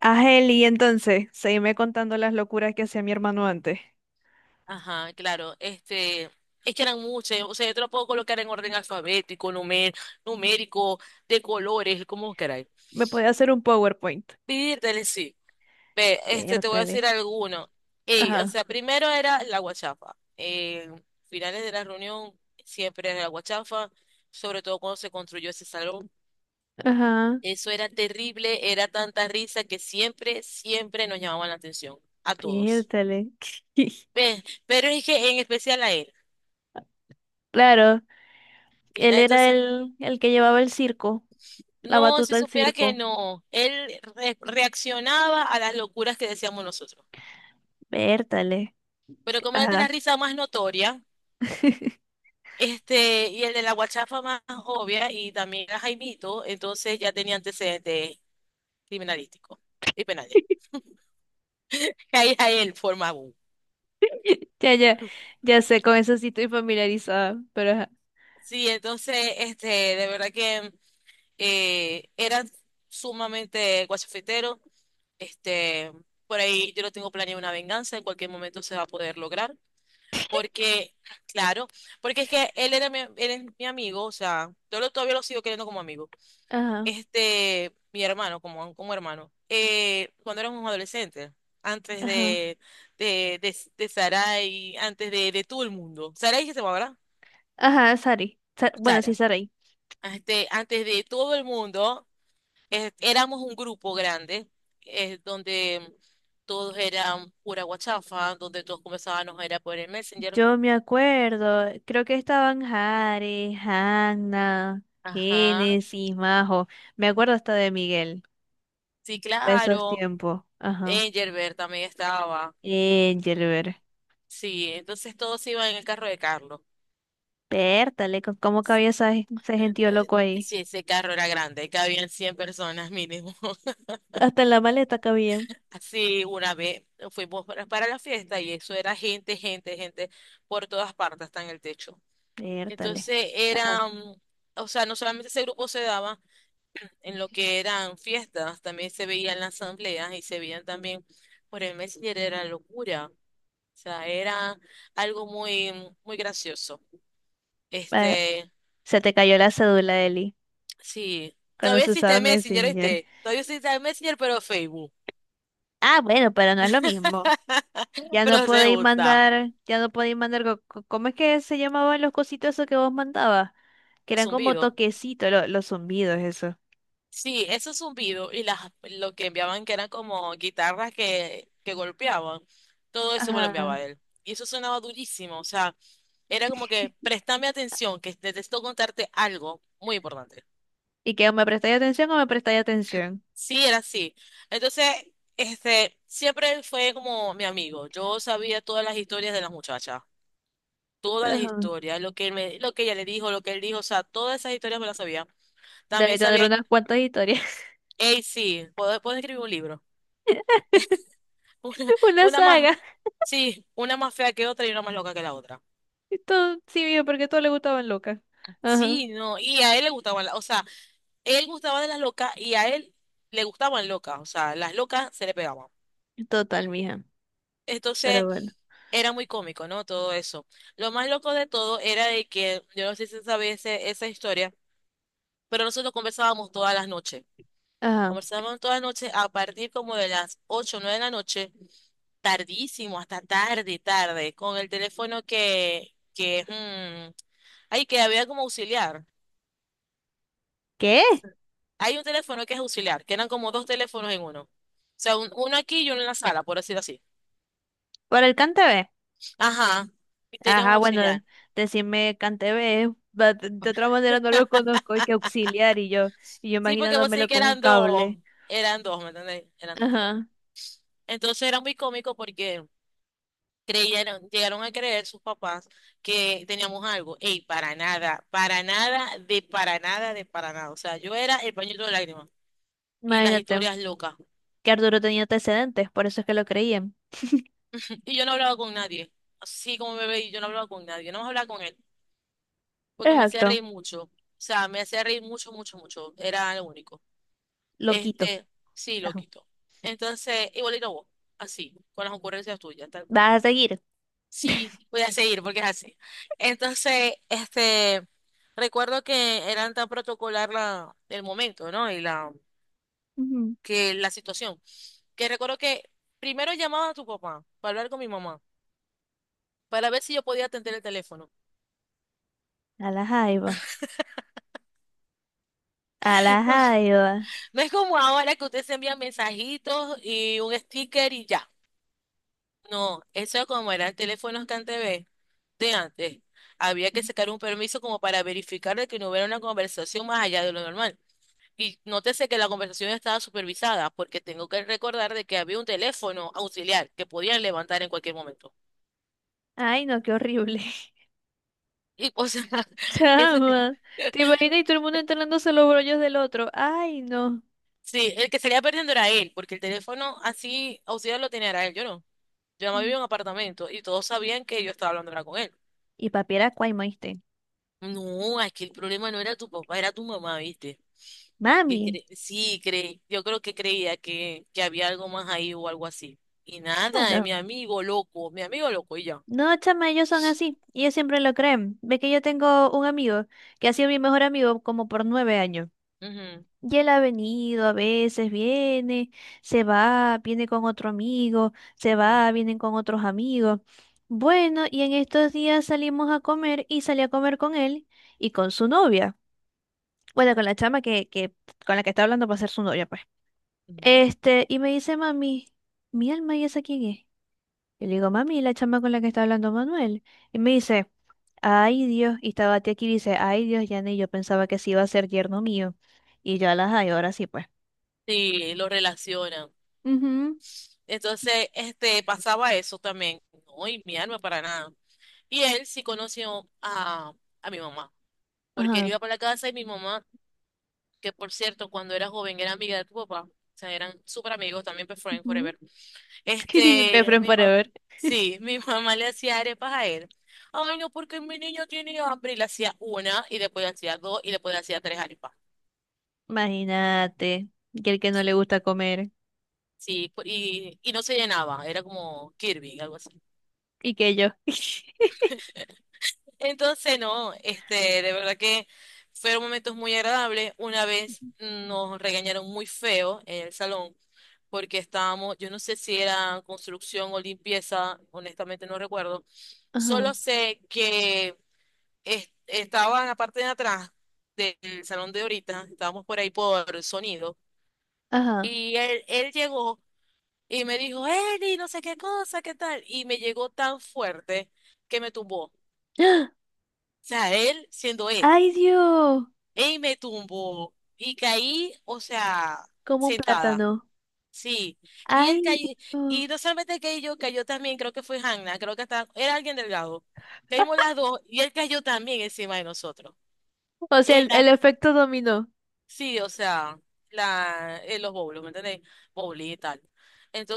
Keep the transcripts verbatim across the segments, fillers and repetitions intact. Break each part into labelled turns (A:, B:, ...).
A: Ángel, y entonces, seguime contando las locuras que hacía mi hermano antes.
B: Ajá, claro. Este, es que eran muchas. O sea, yo te lo puedo colocar en orden alfabético, numer- numérico, de colores, como queráis.
A: Me podía hacer un PowerPoint.
B: Pídele, sí. Ve, este, te voy a
A: Pértale.
B: decir alguno. Ey, o
A: Ajá,
B: sea, primero era la guachafa. Eh, finales de la reunión siempre era la guachafa, sobre todo cuando se construyó ese salón.
A: ajá,
B: Eso era terrible, era tanta risa que siempre, siempre nos llamaban la atención, a todos.
A: pértale.
B: Ve, pero es que en especial a él.
A: Claro,
B: Sí.
A: él era
B: Entonces,
A: el, el que llevaba el circo, la
B: no, si
A: batuta del
B: supiera que
A: circo.
B: no. Él re- reaccionaba a las locuras que decíamos nosotros.
A: Pértale.
B: Pero como era el de
A: Ajá.
B: la risa más notoria, este, y el de la guachafa más obvia, y también era Jaimito, entonces ya tenía antecedentes criminalísticos y penales. Ahí a él formaba un.
A: Ya, ya, ya sé, con eso sí estoy familiarizada, pero ajá.
B: Sí, entonces, este, de verdad que eh, era sumamente guachafetero. Este, por ahí yo lo tengo planeado una venganza, en cualquier momento se va a poder lograr. Porque, claro, porque es que él era mi, él es mi amigo, o sea, yo lo- todavía lo sigo queriendo como amigo.
A: Ajá,
B: Este, mi hermano, como, como hermano. Eh, cuando éramos adolescentes, antes
A: ajá.
B: de, de, de, de Sarai, antes de, de todo el mundo. Sarai que se llama, ¿verdad?
A: Ajá, Sari. Sa- bueno, sí,
B: Sara.
A: Saray.
B: Este, antes de todo el mundo, eh, éramos un grupo grande, eh, donde todos eran pura guachafa, donde todos comenzábamos era por el Messenger.
A: Yo me acuerdo, creo que estaban Jare, Hanna,
B: Ajá,
A: Génesis, Majo. Me acuerdo hasta de Miguel,
B: sí,
A: de esos
B: claro.
A: tiempos. Ajá.
B: Engelbert también estaba.
A: Engelbert.
B: Sí, entonces todos iban en el carro de Carlos.
A: Pértale, co- ¿cómo cabía esa- ese gentío
B: Eh,
A: loco ahí?
B: Sí, ese carro era grande, cabían cien personas mínimo.
A: Hasta en la maleta cabía.
B: Así una vez fuimos para, para la fiesta y eso era gente, gente, gente por todas partes, hasta en el techo.
A: Pértale.
B: Entonces
A: Ajá.
B: era, mm, o sea, no solamente ese grupo se daba en lo que eran fiestas, también se veían las asambleas y se veían también por el Messenger, era locura. O sea, era algo muy, muy gracioso.
A: Eh,
B: Este,
A: Se te cayó la cédula, Eli,
B: Sí,
A: cuando
B: todavía
A: se usaba
B: existe Messenger,
A: Messenger.
B: ¿viste? Todavía existe Messenger, pero Facebook.
A: Ah, bueno, pero no es lo mismo. Ya no
B: Pero se
A: podéis
B: usa.
A: mandar, ya no podéis mandar, co- co- ¿cómo es que se llamaban los cositos esos que vos mandabas, que
B: Los
A: eran como
B: zumbidos.
A: toquecitos lo- los zumbidos? Eso.
B: Sí, esos zumbidos y las, lo que enviaban que eran como guitarras que, que golpeaban. Todo eso me lo enviaba
A: Ajá.
B: él. Y eso sonaba durísimo. O sea, era como que préstame atención, que necesito contarte algo muy importante.
A: Y que o me prestáis atención o me prestáis atención.
B: Sí, era así. Entonces, este, siempre él fue como mi amigo. Yo sabía todas las historias de las muchachas. Todas las
A: Ajá.
B: historias, lo que él me, lo que ella le dijo, lo que él dijo, o sea, todas esas historias me las sabía. También
A: Debe tener
B: sabía,
A: unas cuantas historias.
B: hey, sí, puedo, puedo escribir un libro. Una,
A: Una
B: una más,
A: saga.
B: sí, una más fea que otra y una más loca que la otra.
A: Esto sí, mija, porque todo le gustaban locas. Ajá,
B: Sí, no, y a él le gustaban, la- o sea, él gustaba de las locas y a él le gustaban locas, o sea, las locas se le pegaban.
A: total, mija. Pero
B: Entonces,
A: bueno.
B: era muy cómico, ¿no? Todo eso. Lo más loco de todo era de que, yo no sé si sabes esa historia, pero nosotros conversábamos todas las noches.
A: Ajá.
B: Conversamos toda la noche a partir como de las ocho o nueve de la noche, tardísimo, hasta tarde, tarde, con el teléfono que, que, mm, ay, que había como auxiliar.
A: ¿Qué?
B: Hay un teléfono que es auxiliar, que eran como dos teléfonos en uno. O sea, un- uno aquí y uno en la sala, por decirlo así.
A: ¿Por el Cantebe?
B: Ajá, y tenía un
A: Ajá, bueno,
B: auxiliar.
A: decirme Cantebe. Va- De de otra manera no lo conozco, hay que auxiliar y yo, y yo
B: Sí, porque vos sí
A: imaginándomelo
B: que
A: con un
B: eran dos,
A: cable.
B: eran dos, ¿me entendés? Eran dos teléfonos.
A: Ajá.
B: Entonces era muy cómico porque... creyeron, llegaron a creer sus papás que teníamos algo. Ey, para nada, para nada, de para nada, de para nada. O sea, yo era el pañito de lágrimas y las
A: Imagínate
B: historias locas.
A: que Arturo tenía antecedentes, por eso es que lo creían.
B: Y yo no hablaba con nadie. Así como bebé, y yo no hablaba con nadie. No más hablaba con él porque me hacía
A: Exacto.
B: reír mucho. O sea, me hacía reír mucho, mucho, mucho. Era lo único.
A: Loquito.
B: Este, sí,
A: Ajá.
B: loquito. Entonces, igualito a vos, así, con las ocurrencias tuyas, tal cual.
A: Vas a seguir.
B: Sí, voy a seguir porque es así. Entonces, este, recuerdo que eran tan protocolar la, el momento, ¿no? Y la,
A: Ujú.
B: que la situación. Que recuerdo que primero llamaba a tu papá para hablar con mi mamá, para ver si yo podía atender el teléfono.
A: A la jaiba. A la jaiba.
B: No es como ahora que usted se envía mensajitos y un sticker y ya. No, eso como eran teléfonos que antes ve- de antes. Había que sacar un permiso como para verificar de que no hubiera una conversación más allá de lo normal. Y nótese que la conversación estaba supervisada, porque tengo que recordar de que había un teléfono auxiliar que podían levantar en cualquier momento.
A: Ay, no, qué horrible.
B: Y, o sea, ese, t-
A: Chama. ¿Te imaginas y todo el mundo enterándose los brollos del otro? Ay, no.
B: sí, el que salía perdiendo era él, porque el teléfono así auxiliar lo tenía era él, yo no. Yo no vivía
A: Mm.
B: en un apartamento y todos sabían que yo estaba hablando era con él.
A: Y papi era cuaimo, ¿viste?
B: No, es que el problema no era tu papá, era tu mamá, ¿viste? Que
A: Mami.
B: cre- sí, creí, yo creo que creía que, que había algo más ahí o algo así. Y
A: Ah,
B: nada, eh,
A: no.
B: mi amigo loco, mi amigo loco y ya.
A: No, chama, ellos son así. Ellos siempre lo creen. Ve que yo tengo un amigo que ha sido mi mejor amigo como por nueve años. Y él ha venido a veces, viene, se va, viene con otro amigo, se
B: Ujú.
A: va, vienen con otros amigos. Bueno, y en estos días salimos a comer y salí a comer con él y con su novia. Bueno, con la chama que, que con la que está hablando para ser su novia, pues.
B: Ujú.
A: Este, y me dice, mami, mi alma, ¿y esa quién es? Yo le digo, mami, la chama con la que está hablando Manuel. Y me dice, ay Dios, y estaba aquí y dice, ay Dios, Yane, yo pensaba que sí iba a ser yerno mío. Y yo las, ay, ahora sí, pues.
B: Sí, lo relacionan. Entonces, este, pasaba eso también. No, y mi alma para nada. Y él sí conoció a, a mi mamá, porque él
A: Ajá.
B: iba para la casa y mi mamá, que por cierto, cuando era joven era amiga de tu papá, o sea, eran súper amigos, también best friend
A: Ujú.
B: forever. Este,
A: Befriend
B: mi mamá,
A: Forever.
B: sí, mi mamá le hacía arepas a él. Ay, no, porque mi niño tiene hambre. Y le hacía una, y después le hacía dos, y después le hacía tres arepas.
A: Imagínate. Que el que no le gusta comer.
B: Sí, y, y no se llenaba, era como Kirby, algo así.
A: Y que yo.
B: Entonces, no, este, de verdad que fueron momentos muy agradables. Una vez nos regañaron muy feo en el salón porque estábamos, yo no sé si era construcción o limpieza, honestamente no recuerdo.
A: Ajá.
B: Solo sé que es- estaba en la parte de atrás del salón de ahorita, estábamos por ahí por el sonido
A: Ajá.
B: y él, él llegó y me dijo, Eli, no sé qué cosa, qué tal, y me llegó tan fuerte que me tumbó. O
A: ¡Ah!
B: sea, él siendo él.
A: ¡Ay, Dios!
B: Y me tumbó y caí, o sea,
A: Como un
B: sentada.
A: plátano.
B: Sí. Y él
A: ¡Ay,
B: cayó,
A: Dios!
B: y no solamente caí yo, cayó también, creo que fue Hanna, creo que hasta era alguien delgado. Caímos las dos y él cayó también encima de nosotros.
A: O sea,
B: Y
A: el,
B: la,
A: el efecto dominó.
B: sí, o sea, la, en los bowls, ¿me entendés? Bowling y tal.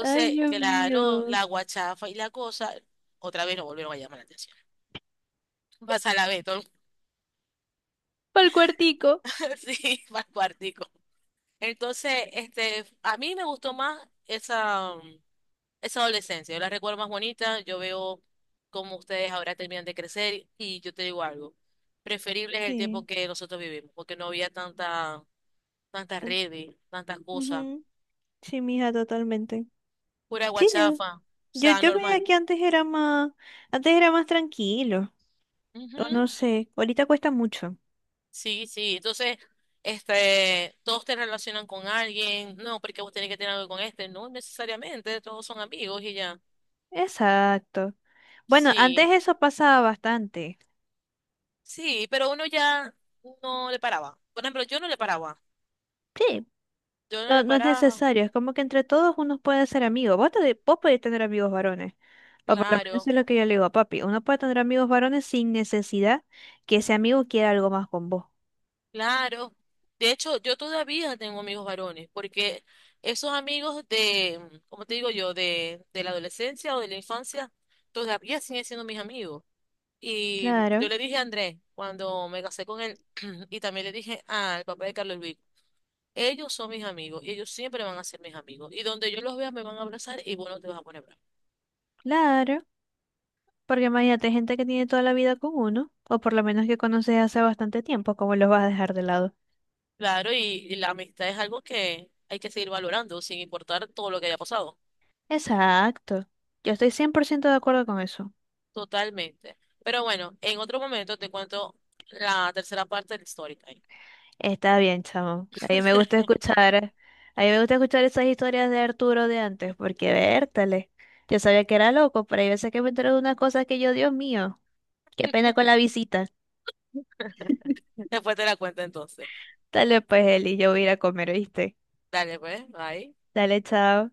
A: ¡Ay, Dios
B: claro,
A: mío!
B: la guachafa y la cosa, otra vez nos volvieron a llamar la atención. Vas a la vez, todo
A: Para el cuartico.
B: sí, para el cuartico. Entonces, este, a mí me gustó más esa, mm, esa adolescencia. Yo la recuerdo más bonita. Yo veo cómo ustedes ahora terminan de crecer y yo te digo algo. Preferible es el
A: Sí.
B: tiempo que nosotros vivimos, porque no había tanta, tantas
A: En-
B: redes, tantas cosas,
A: ujú. Sí, mija, totalmente.
B: pura
A: Sí, yo,
B: guachafa, o
A: yo,
B: sea,
A: yo veía
B: normal.
A: que antes era más, antes era más tranquilo. O no
B: Ujú,
A: sé, ahorita cuesta mucho.
B: sí, sí. Entonces, este, todos te relacionan con alguien. No, porque vos tenés que tener algo con este. No necesariamente, todos son amigos y ya.
A: Exacto. Bueno,
B: Sí,
A: antes eso pasaba bastante.
B: sí, pero uno ya no le paraba. Por ejemplo, yo no le paraba.
A: Sí.
B: Yo no
A: No,
B: le
A: no es
B: paraba.
A: necesario, es como que entre todos uno puede ser amigo. Vos, te- vos podés tener amigos varones, o por lo menos
B: Claro,
A: es lo que yo le digo a papi. Uno puede tener amigos varones sin necesidad que ese amigo quiera algo más con vos.
B: claro. De hecho, yo todavía tengo amigos varones, porque esos amigos de, como te digo yo, de, de la adolescencia o de la infancia, todavía siguen siendo mis amigos. Y yo
A: Claro,
B: le dije a Andrés, cuando me casé con él, y también le dije al papá de Carlos Luis, ellos son mis amigos y ellos siempre van a ser mis amigos. Y donde yo los vea me van a abrazar y vos no te vas a poner bravo.
A: claro, porque imagínate hay gente que tiene toda la vida con uno, o por lo menos que conoces hace bastante tiempo, ¿cómo los vas a dejar de lado?
B: Claro, y, y la amistad es algo que hay que seguir valorando, sin importar todo lo que haya pasado.
A: Exacto, yo estoy cien por ciento de acuerdo con eso.
B: Totalmente. Pero bueno, en otro momento te cuento la tercera parte del story time.
A: Está bien, chamo. A mí me gusta escuchar, a mí me gusta escuchar esas historias de Arturo de antes, porque vértale. Yo sabía que era loco, pero hay veces que me entero de unas cosas que yo, Dios mío, qué pena con la visita.
B: Después te la cuento entonces.
A: Dale pues, Eli, yo voy a ir a comer, ¿viste?
B: Dale, pues, bye.
A: Dale, chao.